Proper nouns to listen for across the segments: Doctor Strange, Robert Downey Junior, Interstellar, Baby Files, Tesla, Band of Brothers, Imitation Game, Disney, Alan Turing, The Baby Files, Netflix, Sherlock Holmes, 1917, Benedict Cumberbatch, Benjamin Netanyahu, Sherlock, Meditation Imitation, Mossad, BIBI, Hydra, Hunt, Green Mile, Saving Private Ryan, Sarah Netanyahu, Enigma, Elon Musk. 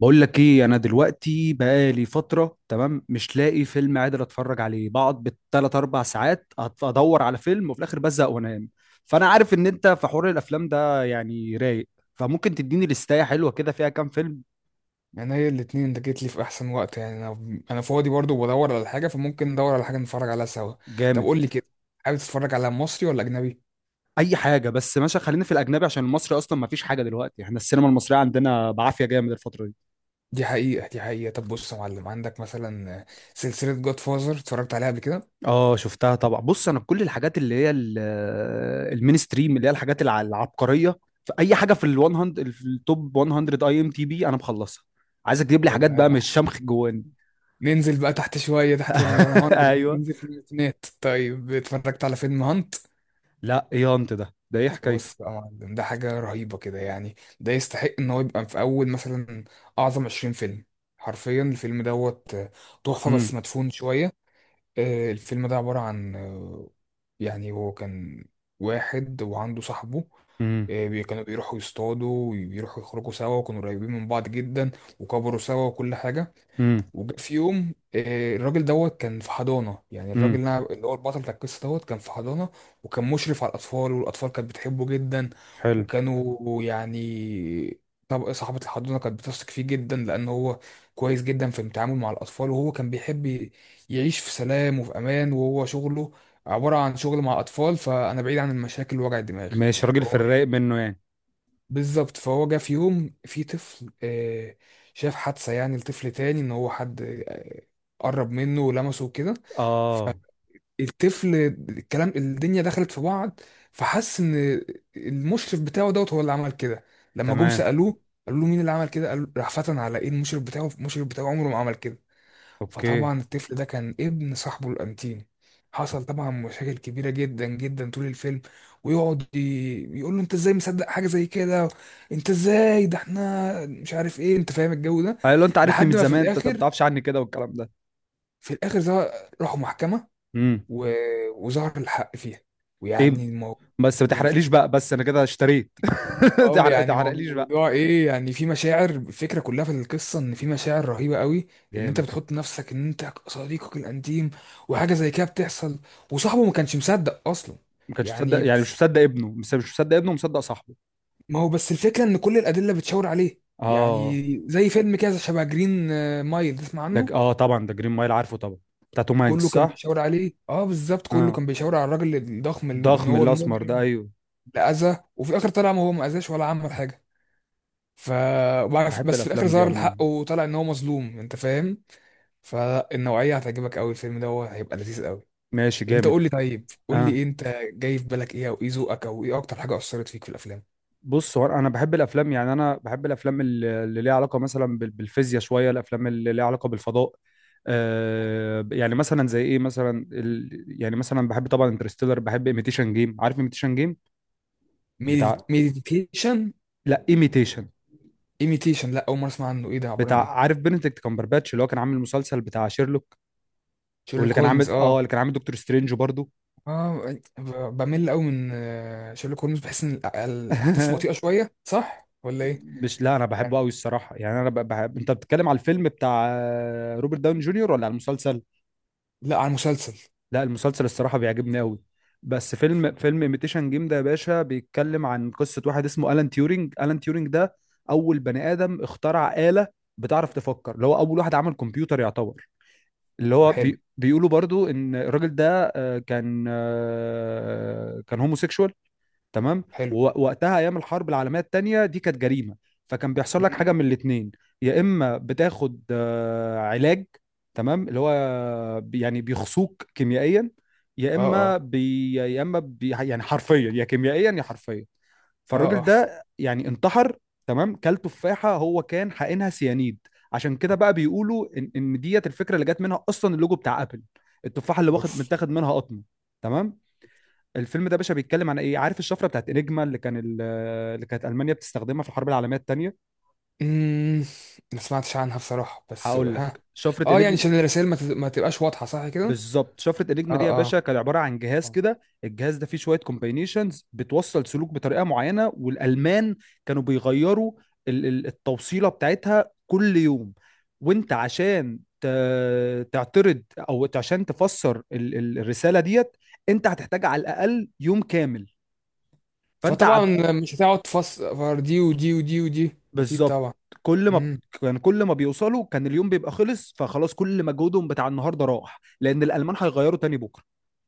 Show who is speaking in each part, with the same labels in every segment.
Speaker 1: بقول لك ايه؟ انا دلوقتي بقالي فتره. تمام، مش لاقي فيلم قادر اتفرج عليه، بقعد بالثلاث اربع ساعات ادور على فيلم، وفي الاخر بزهق وانام. فانا عارف ان انت في حوار الافلام ده يعني رايق، فممكن تديني لستاية حلوه كده فيها كام فيلم.
Speaker 2: يعني هي الاتنين انت جيت لي في احسن وقت. يعني انا فاضي برضو وبدور على حاجه، فممكن ندور على حاجه نتفرج عليها سوا. طب
Speaker 1: جامد.
Speaker 2: قول لي كده، حابب تتفرج على مصري ولا اجنبي؟
Speaker 1: اي حاجه، بس ماشي، خلينا في الاجنبي عشان المصري اصلا ما فيش حاجه دلوقتي، احنا السينما المصريه عندنا بعافيه جامد الفتره دي.
Speaker 2: دي حقيقه. طب بص يا معلم، عندك مثلا سلسله جود فازر، اتفرجت عليها قبل كده؟
Speaker 1: اه، شفتها طبعا. بص، انا كل الحاجات اللي هي المينستريم، اللي هي الحاجات العبقريه، في اي حاجه في ال 100، في التوب 100 اي ام تي بي، انا مخلصها. عايزك تجيب لي
Speaker 2: طب
Speaker 1: حاجات بقى
Speaker 2: ده-
Speaker 1: مش شمخ جواني.
Speaker 2: ننزل بقى تحت شويه، تحت ال 100،
Speaker 1: ايوه.
Speaker 2: ننزل في الميتينات. طيب اتفرجت على فيلم هانت؟
Speaker 1: لا، ايه انت؟ ده ايه حكايته؟
Speaker 2: بص بقى يا معلم، ده حاجه رهيبه كده، يعني ده يستحق ان هو يبقى في اول مثلا اعظم 20 فيلم. حرفيا الفيلم دوت تحفه،
Speaker 1: امم.
Speaker 2: بس مدفون شويه. الفيلم ده عبارة عن يعني هو كان واحد وعنده صاحبه.
Speaker 1: امم.
Speaker 2: كانوا بيروحوا يصطادوا وبيروحوا يخرجوا سوا، وكانوا قريبين من بعض جدا، وكبروا سوا وكل حاجة.
Speaker 1: امم.
Speaker 2: وجا في يوم الراجل دوت كان في حضانة. يعني الراجل
Speaker 1: امم.
Speaker 2: اللي هو البطل بتاع القصة دوت كان في حضانة، وكان مشرف على الأطفال، والأطفال كانت بتحبه جدا.
Speaker 1: حلو.
Speaker 2: وكانوا يعني، طب صاحبة الحضانة كانت بتثق فيه جدا، لأن هو كويس جدا في التعامل مع الأطفال. وهو كان بيحب يعيش في سلام وفي أمان، وهو شغله عبارة عن شغل مع أطفال، فأنا بعيد عن المشاكل ووجع الدماغ.
Speaker 1: ماشي، راجل
Speaker 2: هو
Speaker 1: في الرايق
Speaker 2: بيحب
Speaker 1: منه يعني.
Speaker 2: بالظبط. فهو جه في يوم في طفل شاف حادثة، يعني لطفل تاني ان هو حد آه، قرب منه ولمسه وكده.
Speaker 1: اه.
Speaker 2: فالطفل الكلام الدنيا دخلت في بعض، فحس ان المشرف بتاعه دوت هو اللي عمل كده. لما جم
Speaker 1: تمام.
Speaker 2: سألوه قالوا له مين اللي عمل كده، قال راح فتن على ايه، المشرف بتاعه، المشرف بتاعه عمره ما عمل كده.
Speaker 1: اوكي.
Speaker 2: فطبعا الطفل ده كان ابن صاحبه الانتيم. حصل طبعا مشاكل كبيره جدا جدا طول الفيلم. ويقعد يقول له انت ازاي مصدق حاجه زي كده؟ انت ازاي ده احنا مش عارف ايه، انت فاهم الجو ده.
Speaker 1: قال له انت عارفني
Speaker 2: لحد
Speaker 1: من
Speaker 2: ما في
Speaker 1: زمان، انت ما
Speaker 2: الاخر،
Speaker 1: تعرفش عني كده والكلام ده.
Speaker 2: في الاخر ظهر- راحوا محكمه
Speaker 1: امم.
Speaker 2: و... وظهر الحق فيها.
Speaker 1: ايه؟
Speaker 2: ويعني المو...
Speaker 1: بس ما تحرقليش بقى، بس انا كده اشتريت.
Speaker 2: اه،
Speaker 1: تحرق
Speaker 2: يعني هو
Speaker 1: تحرقليش
Speaker 2: الموضوع ايه، يعني في مشاعر، الفكره كلها في القصه ان في مشاعر رهيبه قوي، ان انت
Speaker 1: جامد.
Speaker 2: بتحط نفسك ان انت صديقك الانتيم وحاجه زي كده بتحصل وصاحبه ما كانش مصدق اصلا.
Speaker 1: ما كانش
Speaker 2: يعني
Speaker 1: مصدق، يعني مش
Speaker 2: بس،
Speaker 1: مصدق ابنه؟ مش مصدق ابنه، مصدق صاحبه.
Speaker 2: ما هو بس الفكره ان كل الادله بتشاور عليه.
Speaker 1: اه،
Speaker 2: يعني زي فيلم كده شبه جرين مايل، تسمع عنه؟
Speaker 1: طبعا، ده جرين مايل، عارفه طبعا. بتاع توم
Speaker 2: كله
Speaker 1: هانكس،
Speaker 2: كان
Speaker 1: صح؟
Speaker 2: بيشاور عليه، اه بالظبط، كله
Speaker 1: اه،
Speaker 2: كان بيشاور على الراجل الضخم ان
Speaker 1: الضخم
Speaker 2: هو
Speaker 1: الاسمر ده،
Speaker 2: المجرم
Speaker 1: ايوه.
Speaker 2: اللي اذى، وفي الاخر طلع ما هو ما اذاش ولا عمل حاجه. ف وبعد-
Speaker 1: بحب
Speaker 2: بس في الاخر
Speaker 1: الافلام دي
Speaker 2: ظهر
Speaker 1: عموما.
Speaker 2: الحق وطلع ان هو مظلوم، انت فاهم. فالنوعيه هتعجبك قوي، الفيلم ده هو هيبقى لذيذ قوي.
Speaker 1: ماشي،
Speaker 2: انت
Speaker 1: جامد.
Speaker 2: قول لي، طيب قول
Speaker 1: اه،
Speaker 2: لي انت، جاي في بالك ايه او ايه ذوقك او ايه اكتر حاجه اثرت فيك في الافلام؟
Speaker 1: بص، هو انا بحب الافلام، يعني انا بحب الافلام اللي ليها علاقه مثلا بالفيزياء، شويه الافلام اللي ليها علاقه بالفضاء. يعني مثلا زي ايه؟ مثلا يعني مثلا بحب طبعا انترستيلر، بحب ايميتيشن جيم، عارف ايميتيشن جيم؟ بتاع...
Speaker 2: ميديتيشن؟
Speaker 1: لا، ايميتيشن.
Speaker 2: ايميتيشن، لا اول مره اسمع عنه، ايه ده، عباره عن
Speaker 1: بتاع،
Speaker 2: ايه؟
Speaker 1: عارف بنديكت كامبرباتش اللي هو كان عامل المسلسل بتاع شيرلوك، واللي
Speaker 2: شيرلوك
Speaker 1: كان
Speaker 2: هولمز،
Speaker 1: عامل
Speaker 2: اه.
Speaker 1: اه اللي كان عامل دكتور سترينج برضه.
Speaker 2: اه بمل قوي من شيرلوك هولمز، بحس ان الاحداث بطيئه شويه، صح ولا ايه؟
Speaker 1: مش، لا، انا بحبه
Speaker 2: يعني
Speaker 1: قوي الصراحه. يعني انا بحب، انت بتتكلم على الفيلم بتاع روبرت داون جونيور ولا على المسلسل؟
Speaker 2: لا، على المسلسل.
Speaker 1: لا، المسلسل الصراحه بيعجبني قوي. بس فيلم ايميتيشن جيم ده يا باشا بيتكلم عن قصه واحد اسمه الان تيورينج. الان تيورينج ده اول بني ادم اخترع آلة بتعرف تفكر، اللي هو اول واحد عمل كمبيوتر يعتبر، اللي هو
Speaker 2: حلو.
Speaker 1: بيقولوا برضو ان الراجل ده كان هوموسيكشوال. تمام.
Speaker 2: حلو.
Speaker 1: ووقتها ايام الحرب العالميه الثانيه دي كانت جريمه، فكان بيحصل لك حاجه
Speaker 2: مم.
Speaker 1: من الاثنين. يا اما بتاخد علاج، تمام، اللي هو يعني بيخصوك كيميائيا، يا
Speaker 2: اه.
Speaker 1: اما
Speaker 2: اه.
Speaker 1: بي يعني حرفيا، يا كيميائيا يا حرفيا.
Speaker 2: اه.
Speaker 1: فالراجل
Speaker 2: اه.
Speaker 1: ده يعني انتحر. تمام، كل تفاحه هو كان حقنها سيانيد. عشان كده بقى بيقولوا ان ان ديت الفكره اللي جت منها اصلا اللوجو بتاع ابل، التفاحه اللي واخد
Speaker 2: اوف.
Speaker 1: متاخد منها قطمه. تمام. الفيلم ده يا باشا بيتكلم عن ايه؟ عارف الشفره بتاعت انيجما اللي اللي كانت المانيا بتستخدمها في الحرب العالميه الثانيه.
Speaker 2: امم. ما سمعتش عنها بصراحة، بس
Speaker 1: هقول
Speaker 2: ها.
Speaker 1: لك، شفره
Speaker 2: اه يعني
Speaker 1: انيجما.
Speaker 2: عشان الرسائل ما تبقاش واضحة، صح كده؟
Speaker 1: بالظبط، شفرة انيجما دي يا
Speaker 2: اه.
Speaker 1: باشا كان عباره عن جهاز
Speaker 2: اه.
Speaker 1: كده، الجهاز ده فيه شويه كومباينيشنز بتوصل سلوك بطريقه معينه، والالمان كانوا بيغيروا التوصيله بتاعتها كل يوم. وانت عشان تعترض، او عشان تفسر الرساله ديت، انت هتحتاج على الاقل يوم كامل. فانت
Speaker 2: فطبعا
Speaker 1: عب...
Speaker 2: مش هتقعد تفسر دي ودي ودي ودي اكيد
Speaker 1: بالظبط.
Speaker 2: طبعا.
Speaker 1: كل ما ب-
Speaker 2: امم.
Speaker 1: كان كل ما بيوصلوا كان اليوم بيبقى خلص، فخلاص كل مجهودهم بتاع النهارده راح لان الالمان هيغيروا تاني بكره.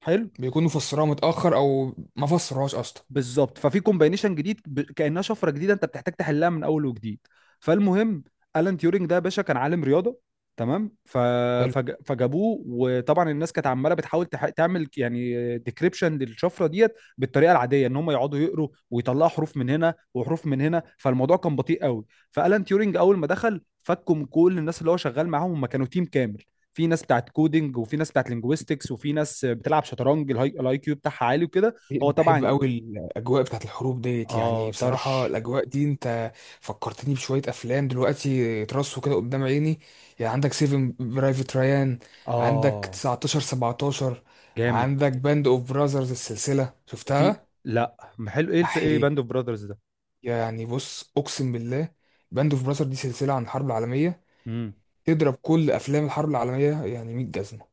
Speaker 1: حلو.
Speaker 2: بيكونوا فسروها متأخر او ما فسروهاش اصلا.
Speaker 1: بالظبط، ففي كومباينيشن جديد كانها شفره جديده، انت بتحتاج تحلها من اول وجديد. فالمهم، الان تيورينج ده يا باشا كان عالم رياضه. تمام،
Speaker 2: حلو.
Speaker 1: فجابوه، وطبعا الناس كانت عماله بتحاول تعمل يعني ديكريبشن للشفره ديت بالطريقه العاديه، ان هم يقعدوا يقروا ويطلعوا حروف من هنا وحروف من هنا، فالموضوع كان بطيء قوي. فالان تيورينج اول ما دخل فكهم، كل الناس اللي هو شغال معاهم هم كانوا تيم كامل، في ناس بتاعت كودينج، وفي ناس بتاعت لينجويستكس، وفي ناس بتلعب شطرنج، الهاي الآي كيو بتاعها عالي وكده. هو
Speaker 2: انا بحب
Speaker 1: طبعا.
Speaker 2: قوي الاجواء بتاعت الحروب ديت، يعني
Speaker 1: اه،
Speaker 2: بصراحه
Speaker 1: طرش.
Speaker 2: الاجواء دي انت فكرتني بشويه افلام دلوقتي ترصوا كده قدام عيني. يعني عندك سيفن، برايفت ريان، عندك
Speaker 1: اه،
Speaker 2: 19 17،
Speaker 1: جامد.
Speaker 2: عندك باند اوف براذرز السلسله،
Speaker 1: وفي.
Speaker 2: شفتها؟
Speaker 1: لا، ما حلو، ايه الف،
Speaker 2: احي.
Speaker 1: ايه باند اوف براذرز ده؟
Speaker 2: يعني بص اقسم بالله، باند اوف براذرز دي سلسله عن الحرب العالميه،
Speaker 1: امم.
Speaker 2: تضرب كل افلام الحرب العالميه يعني 100 جزمه.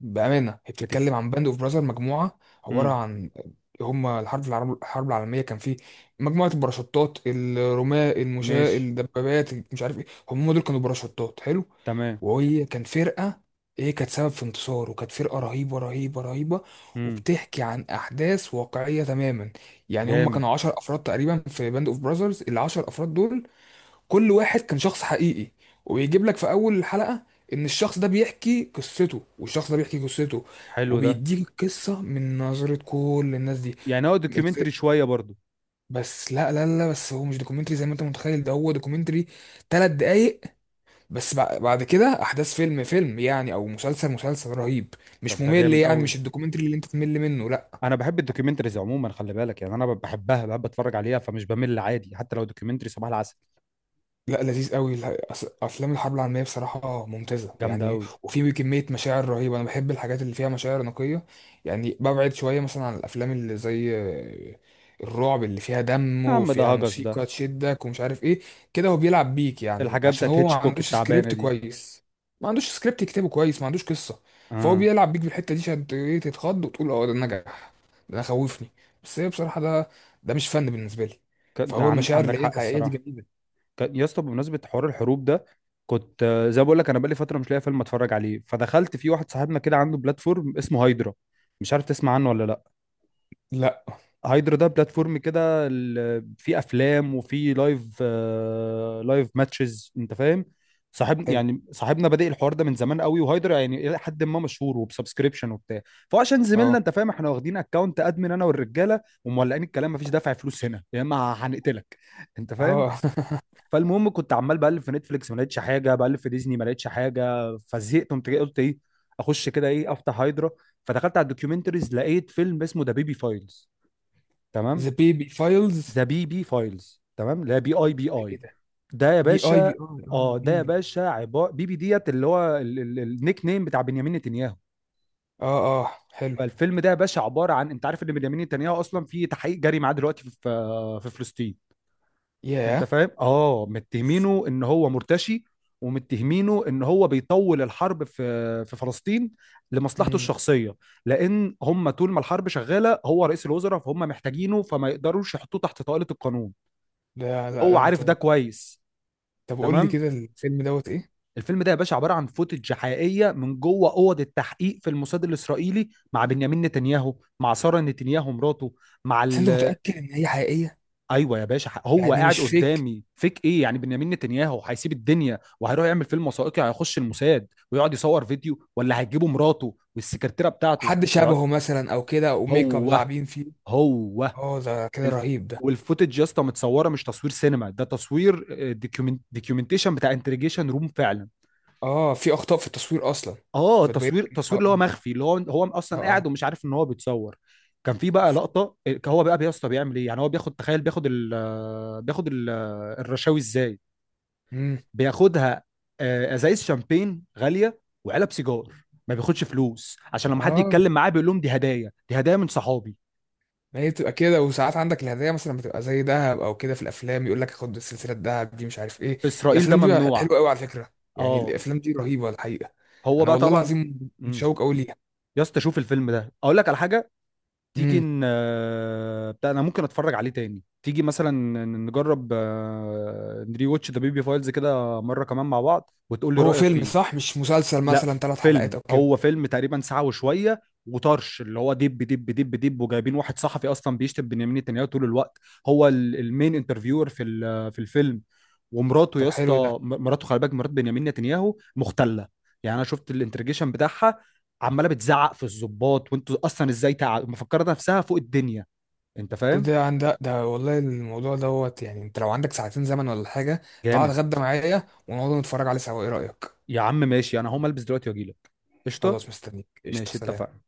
Speaker 2: بأمانة هي
Speaker 1: بتك
Speaker 2: بتتكلم عن باند اوف براذر، مجموعة عبارة
Speaker 1: امم.
Speaker 2: عن هما، الحرب العالمية كان فيه مجموعة الباراشوتات، الرماة، المشاة،
Speaker 1: ماشي.
Speaker 2: الدبابات، مش عارف ايه، هم دول كانوا باراشوتات، حلو.
Speaker 1: تمام.
Speaker 2: وهي كان فرقة هي كانت سبب في انتصار، وكانت فرقة رهيبة،
Speaker 1: امم.
Speaker 2: وبتحكي عن أحداث واقعية تماما. يعني هم
Speaker 1: جامد.
Speaker 2: كانوا 10 أفراد تقريبا في باند اوف براذرز، العشر أفراد دول كل واحد كان شخص حقيقي. وبيجيب لك في اول الحلقة ان الشخص ده بيحكي قصته والشخص ده بيحكي قصته،
Speaker 1: حلو ده.
Speaker 2: وبيديك القصة من نظرة كل الناس دي.
Speaker 1: يعني هو
Speaker 2: أنت-
Speaker 1: دوكيومنتري شويه برضو؟
Speaker 2: بس لا بس هو مش دوكيومنتري زي ما انت متخيل. ده هو دوكيومنتري 3 دقايق بس، بعد كده احداث فيلم فيلم يعني، او مسلسل مسلسل رهيب، مش
Speaker 1: طب ده
Speaker 2: ممل
Speaker 1: جامد
Speaker 2: يعني،
Speaker 1: قوي.
Speaker 2: مش الدوكيومنتري اللي انت تمل منه لا.
Speaker 1: انا بحب الدوكيومنتريز عموما خلي بالك، يعني انا بحبها، بحب اتفرج عليها، فمش بمل عادي حتى لو دوكيومنتري صباح العسل.
Speaker 2: لا لذيذ قوي افلام الحرب العالميه بصراحه ممتازه
Speaker 1: جامده
Speaker 2: يعني،
Speaker 1: قوي.
Speaker 2: وفي كميه مشاعر رهيبه. انا بحب الحاجات اللي فيها مشاعر نقيه، يعني ببعد شويه مثلا عن الافلام اللي زي الرعب، اللي فيها دم
Speaker 1: يا عم، ده
Speaker 2: وفيها
Speaker 1: هجس ده،
Speaker 2: موسيقى تشدك ومش عارف ايه كده. هو بيلعب بيك يعني،
Speaker 1: الحاجات
Speaker 2: عشان
Speaker 1: بتاعت
Speaker 2: هو ما
Speaker 1: هيتشكوك
Speaker 2: عندوش
Speaker 1: التعبانه
Speaker 2: سكريبت
Speaker 1: دي.
Speaker 2: كويس، ما عندوش سكريبت يكتبه كويس، ما عندوش قصه، فهو
Speaker 1: اه،
Speaker 2: بيلعب بيك بالحته دي عشان ت- إيه، تتخض وتقول اه ده نجح، ده خوفني. بس هي بصراحه ده، ده مش فن بالنسبه لي. فهو المشاعر
Speaker 1: عندك
Speaker 2: اللي هي
Speaker 1: حق
Speaker 2: الحقيقيه دي
Speaker 1: الصراحه.
Speaker 2: جميله.
Speaker 1: يا اسطى، بمناسبه حوار الحروب ده، كنت زي ما بقول لك انا بقالي فتره مش لاقي فيلم اتفرج عليه، فدخلت في واحد صاحبنا كده عنده بلاتفورم اسمه هايدرا، مش عارف تسمع عنه ولا لا.
Speaker 2: لا.
Speaker 1: هايدرا ده بلاتفورم كده، فيه افلام وفيه لايف ماتشز، انت فاهم. صاحبنا بادئ الحوار ده من زمان قوي، وهايدرا يعني الى حد ما مشهور وبسبسكريبشن وبتاع. فهو عشان زميلنا،
Speaker 2: اه.
Speaker 1: انت فاهم، احنا واخدين اكونت ادمن انا والرجاله، ومولعين الكلام، مفيش دافع فلوس هنا، يا اما هنقتلك، انت فاهم.
Speaker 2: اه.
Speaker 1: فالمهم كنت عمال بقلب في نتفليكس، ما لقيتش حاجه، بقلب في ديزني، ما لقيتش حاجه، فزهقت، قمت جاي قلت ايه، اخش كده ايه، افتح هايدرا. فدخلت على الدوكيومنتريز، لقيت فيلم اسمه ذا بيبي فايلز. تمام.
Speaker 2: ذا بيبي فايلز؟
Speaker 1: ذا بيبي فايلز، تمام، لا، بي اي، بي
Speaker 2: ايه
Speaker 1: اي
Speaker 2: ده؟
Speaker 1: ده يا
Speaker 2: بي اي بي
Speaker 1: باشا.
Speaker 2: اي، اه،
Speaker 1: اه، ده يا
Speaker 2: بيبي.
Speaker 1: باشا عباره، بيبي ديت اللي هو النيك نيم بتاع بنيامين نتنياهو.
Speaker 2: اه اه، حلو.
Speaker 1: فالفيلم ده يا باشا عباره عن، انت عارف ان بنيامين نتنياهو اصلا في تحقيق جاري معاه دلوقتي في في فلسطين؟ انت
Speaker 2: ياه.
Speaker 1: فاهم؟ اه، متهمينه ان هو مرتشي، ومتهمينه ان هو بيطول الحرب في في فلسطين لمصلحته
Speaker 2: امم.
Speaker 1: الشخصيه، لان هم طول ما الحرب شغاله هو رئيس الوزراء، فهم محتاجينه، فما يقدروش يحطوه تحت طائله القانون،
Speaker 2: ده لا،
Speaker 1: وهو
Speaker 2: ده
Speaker 1: عارف ده
Speaker 2: انت
Speaker 1: كويس.
Speaker 2: طب قول لي
Speaker 1: تمام.
Speaker 2: كده، الفيلم دوت ايه؟
Speaker 1: الفيلم ده يا باشا عباره عن فوتج حقيقيه من جوه اوض التحقيق في الموساد الاسرائيلي مع بنيامين نتنياهو، مع ساره نتنياهو مراته، مع
Speaker 2: بس انت
Speaker 1: ال...
Speaker 2: متأكد ان هي حقيقية؟
Speaker 1: ايوه يا باشا، هو
Speaker 2: يعني مش
Speaker 1: قاعد
Speaker 2: فيك
Speaker 1: قدامي فيك؟ ايه يعني، بنيامين نتنياهو هيسيب الدنيا وهيروح يعمل فيلم وثائقي؟ هيخش الموساد ويقعد يصور فيديو، ولا هيجيبوا مراته والسكرتيره بتاعته
Speaker 2: حد
Speaker 1: ويقعد.
Speaker 2: شبهه مثلا او كده، او ميك اب
Speaker 1: هو
Speaker 2: لاعبين فيه؟
Speaker 1: هو
Speaker 2: اه ده كده
Speaker 1: الف...
Speaker 2: رهيب ده.
Speaker 1: والفوتج يا اسطى متصوره، مش تصوير سينما، ده تصوير ديكيومنتيشن بتاع انتريجيشن روم فعلا.
Speaker 2: اه، في اخطاء في التصوير اصلا؟
Speaker 1: اه، تصوير تصوير اللي هو
Speaker 2: اه.
Speaker 1: مخفي، اللي هو هو
Speaker 2: اه.
Speaker 1: اصلا
Speaker 2: اه.
Speaker 1: قاعد ومش عارف ان هو بيتصور. كان في بقى لقطه، هو بقى يا اسطى بيعمل ايه؟ يعني هو بياخد، تخيل، بياخد الرشاوي ازاي.
Speaker 2: امم.
Speaker 1: بياخدها ازايز شامبين غاليه وعلب سيجار، ما بياخدش فلوس، عشان
Speaker 2: اه.
Speaker 1: لما حد
Speaker 2: مم. آه.
Speaker 1: يتكلم معاه بيقول لهم دي هدايا، دي هدايا من صحابي،
Speaker 2: ما هي بتبقى كده، وساعات عندك الهدايا مثلا بتبقى زي دهب او كده، في الافلام يقول لك خد سلسله دهب دي مش عارف ايه.
Speaker 1: في اسرائيل ده
Speaker 2: الافلام دي بقى
Speaker 1: ممنوع.
Speaker 2: حلوه قوي على فكره، يعني
Speaker 1: اه،
Speaker 2: الافلام دي رهيبه الحقيقه.
Speaker 1: هو
Speaker 2: انا
Speaker 1: بقى
Speaker 2: والله
Speaker 1: طبعا.
Speaker 2: العظيم
Speaker 1: امم.
Speaker 2: متشوق قوي ليها.
Speaker 1: يا اسطى، شوف الفيلم ده، اقول لك على حاجه، تيجي
Speaker 2: امم.
Speaker 1: ن... آه، بتاع، انا ممكن اتفرج عليه تاني، تيجي مثلا نجرب نري واتش ذا بيبي فايلز كده مره كمان مع بعض، وتقول لي
Speaker 2: هو
Speaker 1: رايك
Speaker 2: فيلم
Speaker 1: فيه.
Speaker 2: صح، مش مسلسل
Speaker 1: لا،
Speaker 2: مثلا 3 حلقات
Speaker 1: فيلم،
Speaker 2: او كده؟
Speaker 1: هو فيلم تقريبا ساعة وشوية وطرش، اللي هو دب دب دب دب، وجايبين واحد صحفي اصلا بيشتم بنيامين نتنياهو طول الوقت، هو المين انترفيور في في الفيلم. ومراته يا
Speaker 2: طب حلو ده.
Speaker 1: اسطى، مراته، خلي بالك، مرات بنيامين نتنياهو مختلة. يعني انا شفت الانترجيشن بتاعها عمالة بتزعق في الضباط، وانتوا اصلا ازاي مفكرة نفسها فوق الدنيا، انت
Speaker 2: طب
Speaker 1: فاهم.
Speaker 2: ده عندك ده والله الموضوع دوت، يعني انت لو عندك ساعتين زمن ولا حاجه، تعال
Speaker 1: جامد.
Speaker 2: اتغدى معايا ونقعد نتفرج عليه سوا، ايه رايك؟
Speaker 1: يا عم ماشي، انا هقوم البس دلوقتي واجيلك. قشطة.
Speaker 2: خلاص مستنيك، قشطه،
Speaker 1: ماشي،
Speaker 2: سلام.
Speaker 1: اتفقنا.